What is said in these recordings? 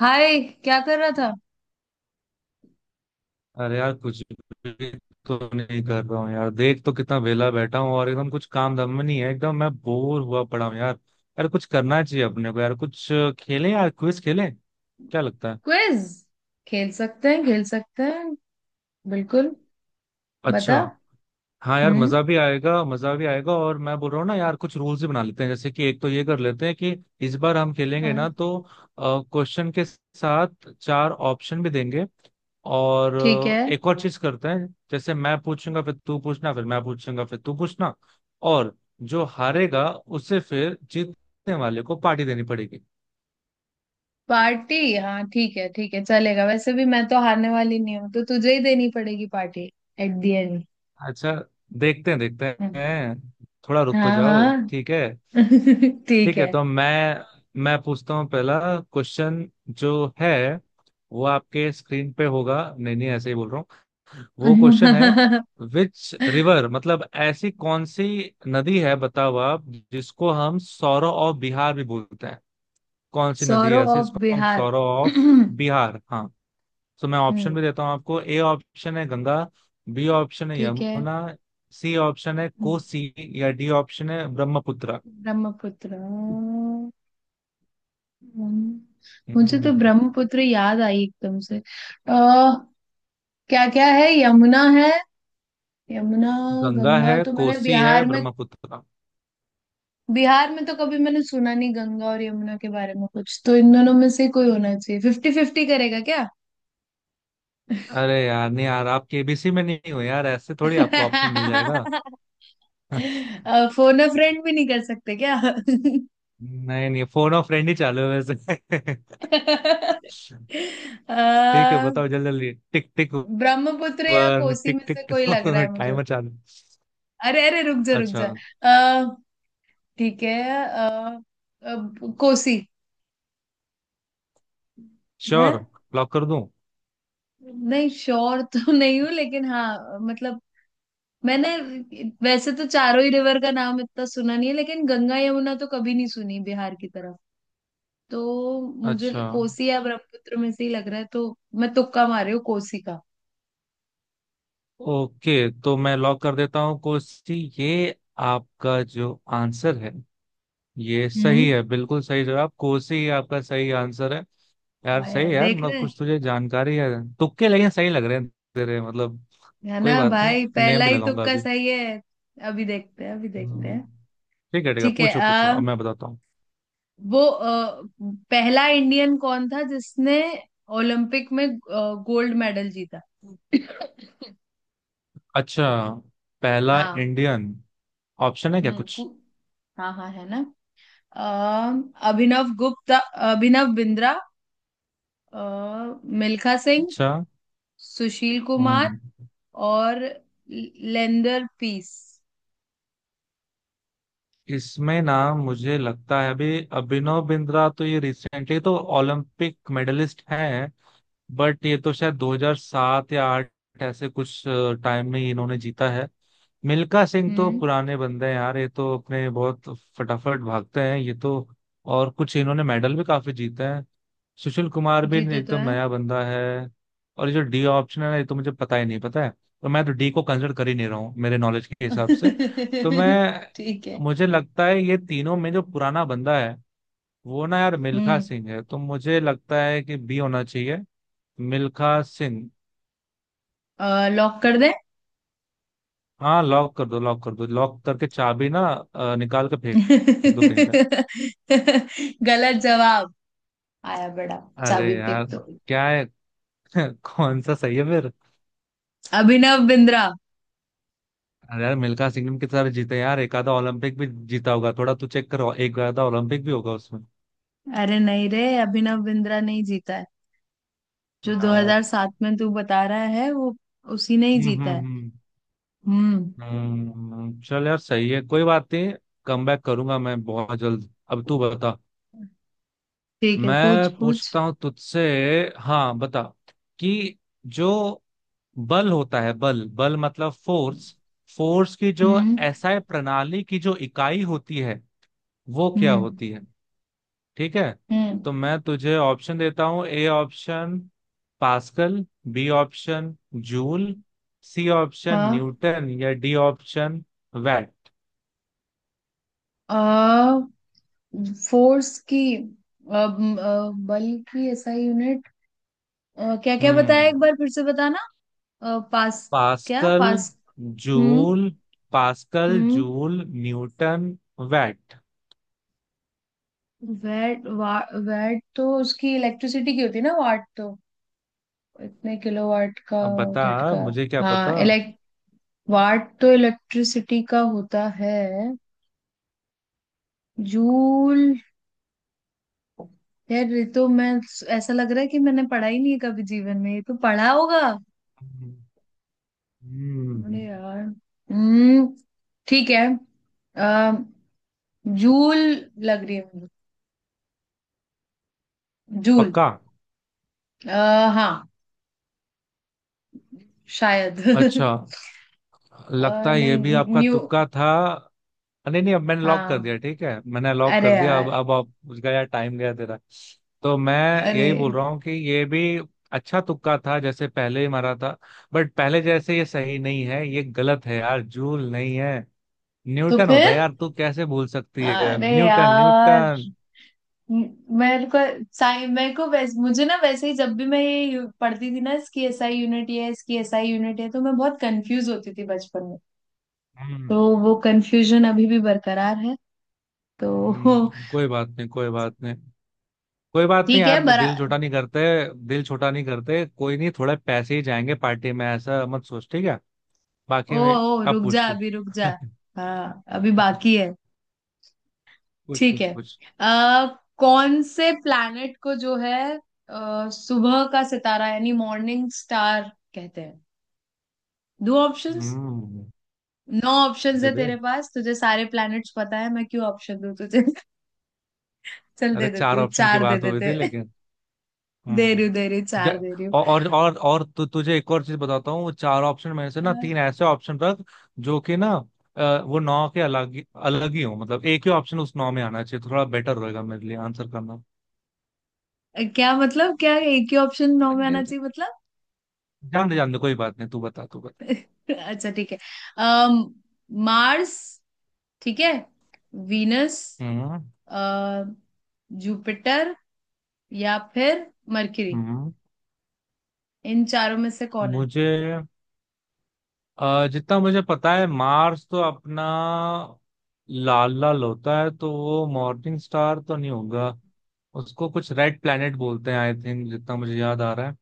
हाय। क्या कर रहा था? अरे यार कुछ भी तो नहीं कर रहा हूँ यार। देख तो कितना वेला बैठा हूँ और एकदम कुछ काम दम में नहीं है। एकदम मैं बोर हुआ पड़ा हूँ यार। यार कुछ करना चाहिए अपने को यार। कुछ खेलें यार, क्विज खेलें। क्या लगता है? क्विज खेल सकते हैं, खेल सकते हैं। बिल्कुल, अच्छा, बता। हाँ यार हम्म। मजा भी आएगा, मजा भी आएगा। और मैं बोल रहा हूँ ना यार, कुछ रूल्स भी बना लेते हैं। जैसे कि एक तो ये कर लेते हैं कि इस बार हम खेलेंगे ना हाँ, तो क्वेश्चन के साथ चार ऑप्शन भी देंगे। और ठीक है। एक और चीज करते हैं, जैसे मैं पूछूंगा फिर तू पूछना, फिर मैं पूछूंगा फिर तू पूछना। और जो हारेगा उसे फिर जीतने वाले को पार्टी देनी पड़ेगी। पार्टी? हाँ, ठीक है, ठीक है, चलेगा। वैसे भी मैं तो हारने वाली नहीं हूँ, तो तुझे ही देनी पड़ेगी पार्टी एट द एंड। अच्छा, देखते हैं, देखते हैं। थोड़ा रुक तो हाँ जाओ, हाँ। ठीक है। ठीक ठीक है, है। तो मैं पूछता हूँ। पहला क्वेश्चन जो है वो आपके स्क्रीन पे होगा। नहीं नहीं, ऐसे ही बोल रहा हूँ। वो क्वेश्चन है, विच रिवर मतलब ऐसी कौन सी नदी है बताओ आप, जिसको हम सौरो ऑफ बिहार भी बोलते हैं। कौन सी नदी है सौरव ऐसी ऑफ जिसको हम Bihar? Sorrow of hmm. Bihar? हाँ। तो मैं ऑप्शन भी देता हूँ आपको। ए ऑप्शन है गंगा, बी ऑप्शन है ठीक है। यमुना, सी ऑप्शन है कोसी, या डी ऑप्शन है ब्रह्मपुत्र। ब्रह्मपुत्र। हम्म। मुझे तो हम्म, ब्रह्मपुत्र याद आई एकदम से। क्या क्या है? यमुना है। यमुना। गंगा है, गंगा तो मैंने कोसी है, ब्रह्मपुत्र। बिहार में तो कभी मैंने सुना नहीं गंगा और यमुना के बारे में कुछ, तो इन दोनों में से कोई होना चाहिए। फिफ्टी फिफ्टी करेगा क्या? अरे यार नहीं यार, आप केबीसी में नहीं हो यार, ऐसे थोड़ी आपको ऑप्शन मिल जाएगा। फोन अ फ्रेंड भी नहीं कर सकते क्या? नहीं नहीं, फोन और फ्रेंड ही चालू है वैसे। अ, ठीक है बताओ, जल्दी जल्दी, टिक टिक। ब्रह्मपुत्र या वन कोसी टिक में टिक से कोई लग रहा टू है मुझे। टाइमर चालू। अरे अरे, रुक जा रुक अच्छा। जा। ठीक है। अ, अब कोसी है। श्योर? लॉक कर दूं? नहीं, श्योर तो नहीं हूँ, लेकिन हाँ मतलब, मैंने वैसे तो चारों ही रिवर का नाम इतना सुना नहीं है, लेकिन गंगा यमुना तो कभी नहीं सुनी बिहार की तरफ। तो मुझे अच्छा, कोसी या ब्रह्मपुत्र में से ही लग रहा है, तो मैं तुक्का मार रही हूँ कोसी का। ओके। तो मैं लॉक कर देता हूँ, कोसी। ये आपका जो आंसर है ये सही हम्म। है। बिल्कुल सही जवाब, कोसी ही आपका सही आंसर है। यार वाह सही है यार, यार, देख मतलब रहे हैं। कुछ तुझे जानकारी है। तुक्के लेकिन सही लग रहे हैं तेरे, मतलब। है ना कोई बात नहीं, भाई, मैं पहला भी ही लगाऊंगा तुक्का अभी। सही है। अभी देखते हैं, अभी देखते हम्म, हैं। ठीक है ठीक है, ठीक है। पूछो पूछो, अब मैं बताता हूँ। वो पहला इंडियन कौन था जिसने ओलंपिक में गोल्ड मेडल जीता? अच्छा, पहला हाँ। इंडियन। ऑप्शन है क्या हम्म। कुछ? हाँ हाँ, है ना। अ, अभिनव गुप्ता, अभिनव बिंद्रा, मिल्खा सिंह, अच्छा। सुशील कुमार हम्म और लेंदर पीस। इसमें ना मुझे लगता है, अभी अभिनव बिंद्रा तो ये रिसेंटली तो ओलंपिक मेडलिस्ट हैं। बट ये तो शायद 2007 या 8 ऐसे कुछ टाइम में ही इन्होंने जीता है। मिल्खा सिंह तो हम्म। पुराने बंदे हैं यार, ये तो अपने बहुत फटाफट भागते हैं ये तो। और कुछ इन्होंने मेडल भी काफी जीते हैं। सुशील कुमार भी जीते तो एकदम है। नया बंदा है। और ये जो डी ऑप्शन है ना, ये तो मुझे पता ही नहीं, पता है तो मैं तो डी को कंसिडर कर ही नहीं रहा हूँ मेरे नॉलेज के हिसाब से। तो मैं ठीक है। मुझे लगता है ये तीनों में जो पुराना बंदा है वो ना यार मिल्खा हम्म, सिंह है, तो मुझे लगता है कि बी होना चाहिए, मिल्खा सिंह। लॉक कर दे। हाँ लॉक कर दो, लॉक कर दो, लॉक करके चाबी ना निकाल के फेंक, फेंक दो कहीं पे। गलत जवाब आया बड़ा! अरे चाबी यार, फेंक दो। क्या है? कौन सा सही है फिर? अभिनव बिंद्रा। अरे यार मिल्खा सिंह ने कितने सारे जीते यार, एक आधा ओलंपिक भी जीता होगा। थोड़ा तू चेक करो, एक आधा ओलंपिक भी होगा उसमें। अरे नहीं रे, अभिनव बिंद्रा नहीं जीता है। जो यार 2007 में तू बता रहा है, वो उसी ने ही हम्म जीता है। हम्म हम्म। चल यार सही है, कोई बात नहीं। कम बैक करूंगा मैं बहुत जल्द। अब तू बता। ठीक है, पूछ मैं पूछ। पूछता हूँ तुझसे, हाँ बता कि जो बल होता है, बल बल मतलब फोर्स, फोर्स की जो हम्म एसआई प्रणाली की जो इकाई होती है वो क्या हम्म होती है? ठीक है? हम्म। तो मैं तुझे ऑप्शन देता हूँ। A option Pascal, B option joule, C option हाँ। न्यूटन, या डी ऑप्शन वैट। आ, फोर्स की बल की ऐसा यूनिट? क्या क्या बताया? हम्म। एक बार फिर से बताना। पास। क्या पास्कल। पास? हम्म। जूल। पास्कल, हम्म। Joule, Newton, watt. VAT. VAT तो उसकी इलेक्ट्रिसिटी की होती है ना, वाट तो। इतने किलो वाट का अब बता। झटका। मुझे क्या पता। हाँ, इलेक्ट वाट तो इलेक्ट्रिसिटी का होता है। जूल। यार ये तो मैं ऐसा लग रहा है कि मैंने पढ़ा ही नहीं है, कभी जीवन में ये तो पढ़ा होगा। हम्म। अरे यार। हम्म। ठीक है। आ, जूल लग रही है मुझे। जूल। पक्का? हाँ, शायद। अच्छा, लगता है ये नहीं। भी आपका न्यू तुक्का था। नहीं नहीं, अब मैंने लॉक कर हाँ। दिया ठीक है, मैंने लॉक अरे कर दिया अब। यार। अब आप उसका यार, टाइम गया तेरा। तो मैं अरे, यही बोल रहा हूँ कि ये भी अच्छा तुक्का था जैसे पहले ही मारा था। बट पहले जैसे, ये सही नहीं है, ये गलत है यार। जूल नहीं है, तो न्यूटन होता फिर। है यार। तू कैसे भूल सकती है अरे न्यूटन? यार। न्यूटन। म- मेरे को साइ मेरे को वैस, मुझे ना, वैसे ही जब भी मैं ये पढ़ती थी ना, इसकी एसआई यूनिट ये है, इसकी एसआई यूनिट है, तो मैं बहुत कंफ्यूज होती थी बचपन में। हम्म तो वो कंफ्यूजन अभी भी बरकरार है तो। कोई बात नहीं, कोई बात नहीं, कोई बात नहीं ठीक है। यार। बरा दिल छोटा नहीं करते, दिल छोटा नहीं करते। कोई नहीं, थोड़े पैसे ही जाएंगे पार्टी में, ऐसा मत सोच, ठीक है। ओ बाकी में ओ, अब रुक पूछ जा, तू। अभी रुक जा। हाँ, अभी बाकी है। पूछ ठीक पूछ है। पूछ। आ, कौन से प्लैनेट को जो है सुबह का सितारा यानी मॉर्निंग स्टार कहते हैं? दो ऑप्शंस, हम्म। नौ ऑप्शंस है दे दे। तेरे पास। तुझे सारे प्लैनेट्स पता है, मैं क्यों ऑप्शन दूं तुझे? चल, अरे दे देती चार हूँ, ऑप्शन की चार दे बात हुई देते थी हैं। लेकिन। दे रही हूँ, हम्म। दे रही हूँ, ज- चार दे रही हूँ। और तुझे एक और चीज बताता हूँ। वो चार ऑप्शन में से ना, तीन ऐसे ऑप्शन रख जो कि ना वो नौ के अलग ही हो, मतलब एक ही ऑप्शन उस नौ में आना चाहिए, तो थोड़ा बेटर रहेगा मेरे लिए आंसर करना। क्या मतलब? क्या एक ही ऑप्शन नौ में आना चाहिए मतलब? जान दे जान दे, कोई बात नहीं, तू बता तू। अच्छा, ठीक है। अम, मार्स, ठीक है, वीनस, हम्म। अ, जुपिटर, या फिर मरकरी। हम्म, इन चारों में से कौन है? मुझे जितना मुझे पता है, मार्स तो अपना लाल लाल होता है, तो वो मॉर्निंग स्टार तो नहीं होगा। उसको कुछ रेड प्लेनेट बोलते हैं आई थिंक, जितना मुझे याद आ रहा है।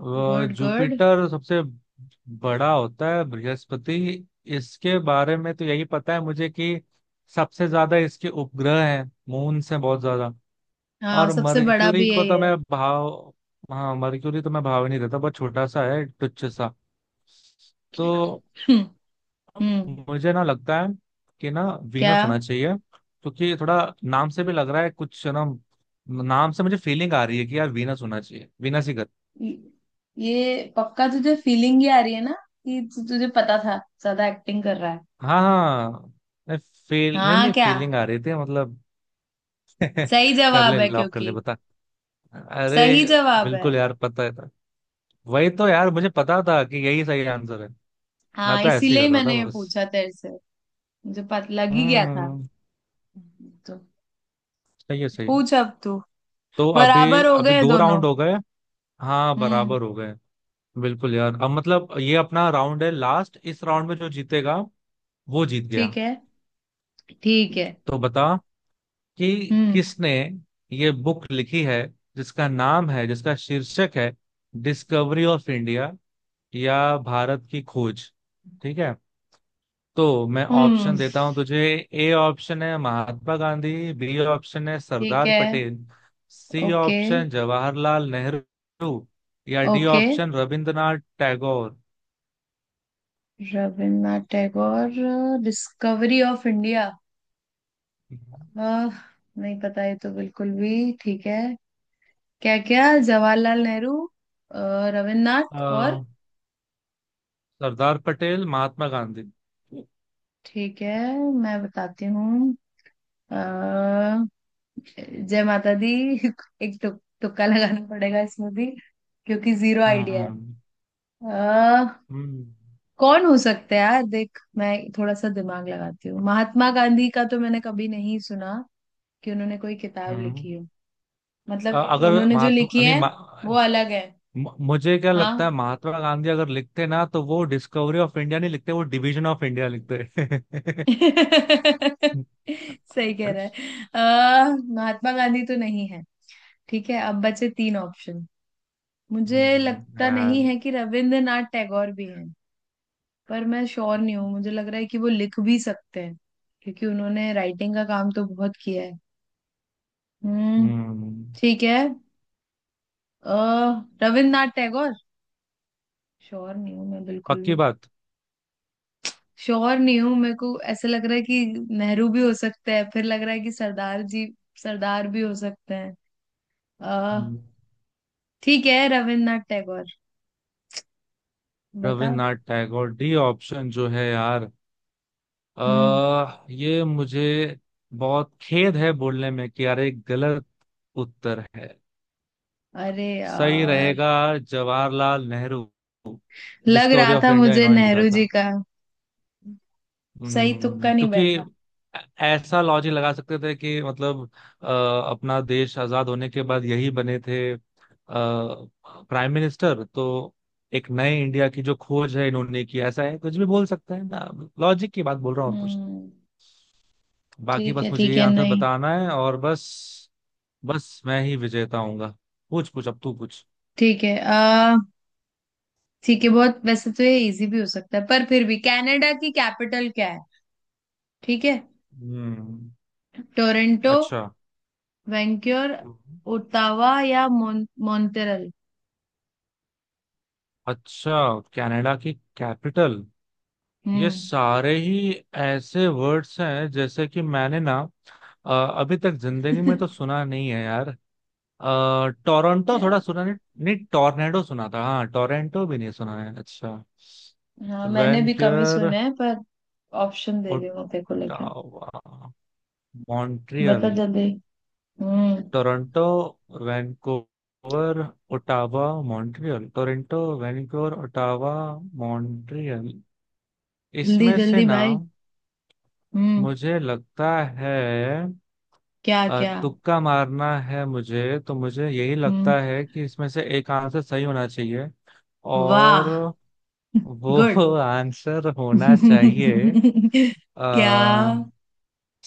वो गुड गुड। जुपिटर सबसे बड़ा होता है, बृहस्पति। इसके बारे में तो यही पता है मुझे कि सबसे ज्यादा इसके उपग्रह हैं, मून से बहुत ज्यादा। हाँ, और सबसे बड़ा मर्क्यूरी भी को यही तो है। मैं भाव, हाँ मर्क्यूरी तो मैं भाव ही नहीं देता, बहुत छोटा सा है तुच्छ सा। तो हम्म। हम्म, मुझे ना लगता है कि ना क्या? वीनस होना चाहिए, क्योंकि थोड़ा नाम से भी लग रहा है कुछ ना। नाम से मुझे फीलिंग आ रही है कि यार वीनस होना चाहिए, वीनस ही कर। ये ये पक्का तुझे फीलिंग ही आ रही है ना, कि तुझे पता था, ज्यादा एक्टिंग कर रहा है। हाँ हाँ, नहीं फील नहीं हाँ, नहीं, क्या? फीलिंग आ रही थी मतलब। सही कर ले, जवाब है लॉक कर ले, क्योंकि बता। सही अरे जवाब है। बिल्कुल यार, पता है था। वही तो यार, मुझे पता था कि यही सही आंसर है। मैं हाँ, तो ऐसे ही इसीलिए ही कर रहा था मैंने ये बस। पूछा तेरे से, मुझे पता लग ही गया था। हम्म। तो सही है सही है। पूछ अब तू। तो अभी बराबर हो अभी गए दो दोनों। राउंड हो गए। हाँ हम्म। बराबर हो गए। बिल्कुल यार। अब मतलब ये अपना राउंड है लास्ट, इस राउंड में जो जीतेगा वो जीत गया। ठीक है, ठीक है। तो बता कि हम्म किसने ये बुक लिखी है, जिसका नाम है, जिसका शीर्षक है, डिस्कवरी ऑफ इंडिया, या भारत की खोज। ठीक है, तो मैं हम्म। ऑप्शन देता हूं तुझे। ए ऑप्शन है महात्मा गांधी, बी ऑप्शन है ठीक सरदार है। Patel, C okay. Option Jawaharlal Nehru, या D okay. Option Rabindranath Tagore. Rabindranath Tagore, discovery of India. आह, नहीं पता ये तो, बिल्कुल भी। ठीक है। क्या क्या, जवाहरलाल नेहरू, अ, रविन्द्रनाथ, और? अ, सरदार पटेल, महात्मा गांधी। ठीक है, मैं बताती हूँ। अ, जय माता दी। एक तुक्का लगाना पड़ेगा इसमें भी, क्योंकि जीरो आइडिया है। हम्म, आ, हम्म, कौन हो सकता है यार? देख, मैं थोड़ा सा दिमाग लगाती हूँ। महात्मा गांधी का तो मैंने कभी नहीं सुना कि उन्होंने कोई किताब हम्म। लिखी हो। मतलब, अ- अगर उन्होंने जो महात्मा लिखी नहीं है, वो मा- अलग है। म- मुझे क्या लगता है, हाँ। महात्मा गांधी अगर लिखते ना, तो वो डिस्कवरी ऑफ इंडिया नहीं लिखते, वो डिवीजन ऑफ इंडिया लिखते। सही कह रहा है। आ, महात्मा गांधी तो नहीं है। ठीक है, अब बचे तीन ऑप्शन। मुझे लगता नहीं यार। है कि रविंद्रनाथ टैगोर भी हैं, पर मैं श्योर नहीं हूँ, मुझे लग रहा है कि वो लिख भी सकते हैं, क्योंकि उन्होंने राइटिंग का काम तो बहुत किया है। हम्म। हम्म। ठीक है। अ, रविंद्रनाथ टैगोर। श्योर नहीं हूँ मैं बिल्कुल पक्की भी, बात। श्योर नहीं हूँ। मेरे को ऐसा लग रहा है कि नेहरू भी हो सकते हैं, फिर लग रहा है कि सरदार जी, सरदार भी हो सकते हैं। हम्म, ठीक है, रविन्द्रनाथ टैगोर। बता। रविन्द्रनाथ टैगोर डी ऑप्शन जो है यार, हम्म। ये मुझे बहुत खेद है बोलने में कि यार, एक गलत उत्तर है। अरे सही यार, रहेगा जवाहरलाल नेहरू। लग डिस्कवरी रहा ऑफ था इंडिया मुझे इन्होंने लिखा नेहरू जी था। का। सही तुक्का नहीं क्योंकि बैठा। ऐ- ऐसा लॉजिक लगा सकते थे कि मतलब अ, अपना देश आजाद होने के बाद यही बने थे प्राइम मिनिस्टर, तो एक नए इंडिया की जो खोज है इन्होंने की, ऐसा है कुछ भी बोल सकते हैं ना। लॉजिक की बात बोल रहा हूँ और कुछ हम्म। नहीं। बाकी ठीक बस है, मुझे ठीक ये है, आंसर नहीं, बताना है और बस। बस मैं ही विजेता हूंगा। पूछ पूछ, अब तू पूछ। ठीक है। आ ठीक है, बहुत। वैसे तो ये इजी भी हो सकता है, पर फिर भी, कनाडा की कैपिटल क्या है? ठीक है। हम्म। टोरंटो, अच्छा। वैंक्योर, ओटावा या मॉन्ट्रियल। अच्छा, कनाडा की कैपिटल। ये हम्म। सारे ही ऐसे वर्ड्स हैं जैसे कि मैंने ना अ, अभी तक जिंदगी में तो सुना नहीं है यार। टोरंटो थोड़ा सुना, नहीं नहीं, टोर्नेडो सुना था हाँ, टोरंटो भी नहीं सुना है अच्छा। हाँ, मैंने भी कम ही वैनक्यूअर, सुने हैं, पर ऑप्शन दे रही हूँ तेरे को लेकर। ओटावा, बता मॉन्ट्रियल। जल्दी। हम्म। Toronto, Vancouver, Ottawa, Montreal. Toronto, Vancouver, Ottawa, Montreal. जल्दी इसमें से जल्दी ना भाई। हम्म। मुझे लगता है क्या क्या? तुक्का मारना है मुझे तो, मुझे यही हम्म। लगता है कि इसमें से एक आंसर सही होना चाहिए और वाह, वो गुड। आंसर होना चाहिए। क्या? आ,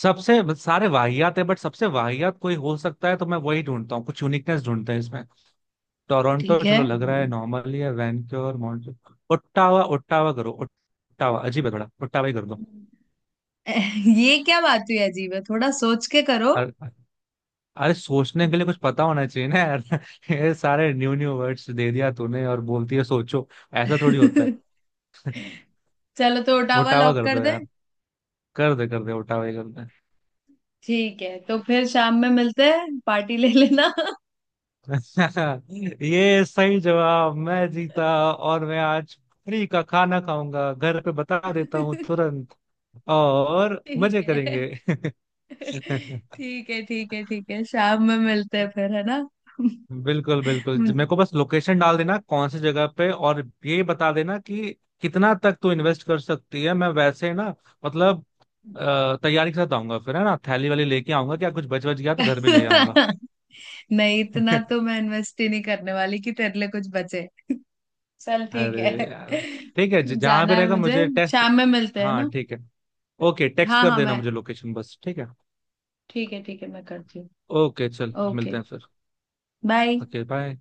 सबसे, सारे वाहियात है, बट सबसे वाहियात कोई हो सकता है तो मैं वही ढूंढता हूँ, कुछ यूनिकनेस ढूंढते हैं इसमें। टोरंटो ठीक है। चलो लग रहा है नॉर्मली है, वैनक्योर, मॉन्ट्रियल, ओट्टावा। ओट्टावा करो, ओट्टावा अजीब है थोड़ा, ओट्टावा ही कर ये क्या बात हुई? अजीब है, थोड़ा सोच के करो। दो। अरे सोचने के लिए कुछ पता होना चाहिए ना यार। ये सारे न्यू न्यू वर्ड्स दे दिया तूने और बोलती है सोचो, ऐसा थोड़ी होता है। चलो, तो ओटावा उठावा लॉक कर कर दो दें। यार, कर दे कर दे, उठावा ही कर दे। ठीक है, तो फिर शाम में मिलते हैं, पार्टी ले लेना। ये सही जवाब, मैं जीता। और मैं आज फ्री का खाना खाऊंगा घर पे, बता देता हूँ तुरंत। और ठीक मजे है, करेंगे। ठीक है, ठीक है। ठीक है, शाम में मिलते हैं फिर, है ना? बिल्कुल बिल्कुल, मेरे को बस लोकेशन डाल देना कौन सी जगह पे, और ये बता देना कि कितना तक तू इन्वेस्ट कर सकती है। मैं वैसे ना मतलब तैयारी के साथ आऊंगा फिर, है ना, थैली वाली लेके आऊंगा, क्या कुछ बच बच गया तो घर में ले आऊंगा। नहीं, इतना तो मैं इन्वेस्ट ही नहीं करने वाली कि तेरे लिए कुछ बचे। चल, ठीक अरे है। यार ठीक है, जहाँ जाना भी है रहेगा मुझे। मुझे टेक्स्ट। शाम में मिलते हैं हाँ ना? ठीक है, ओके, टेक्स्ट हाँ कर हाँ। देना मैं, मुझे लोकेशन बस, ठीक है। ठीक है, ठीक है, मैं करती हूँ। ओके चल, मिलते ओके। हैं फिर। बाय। Okay, bye.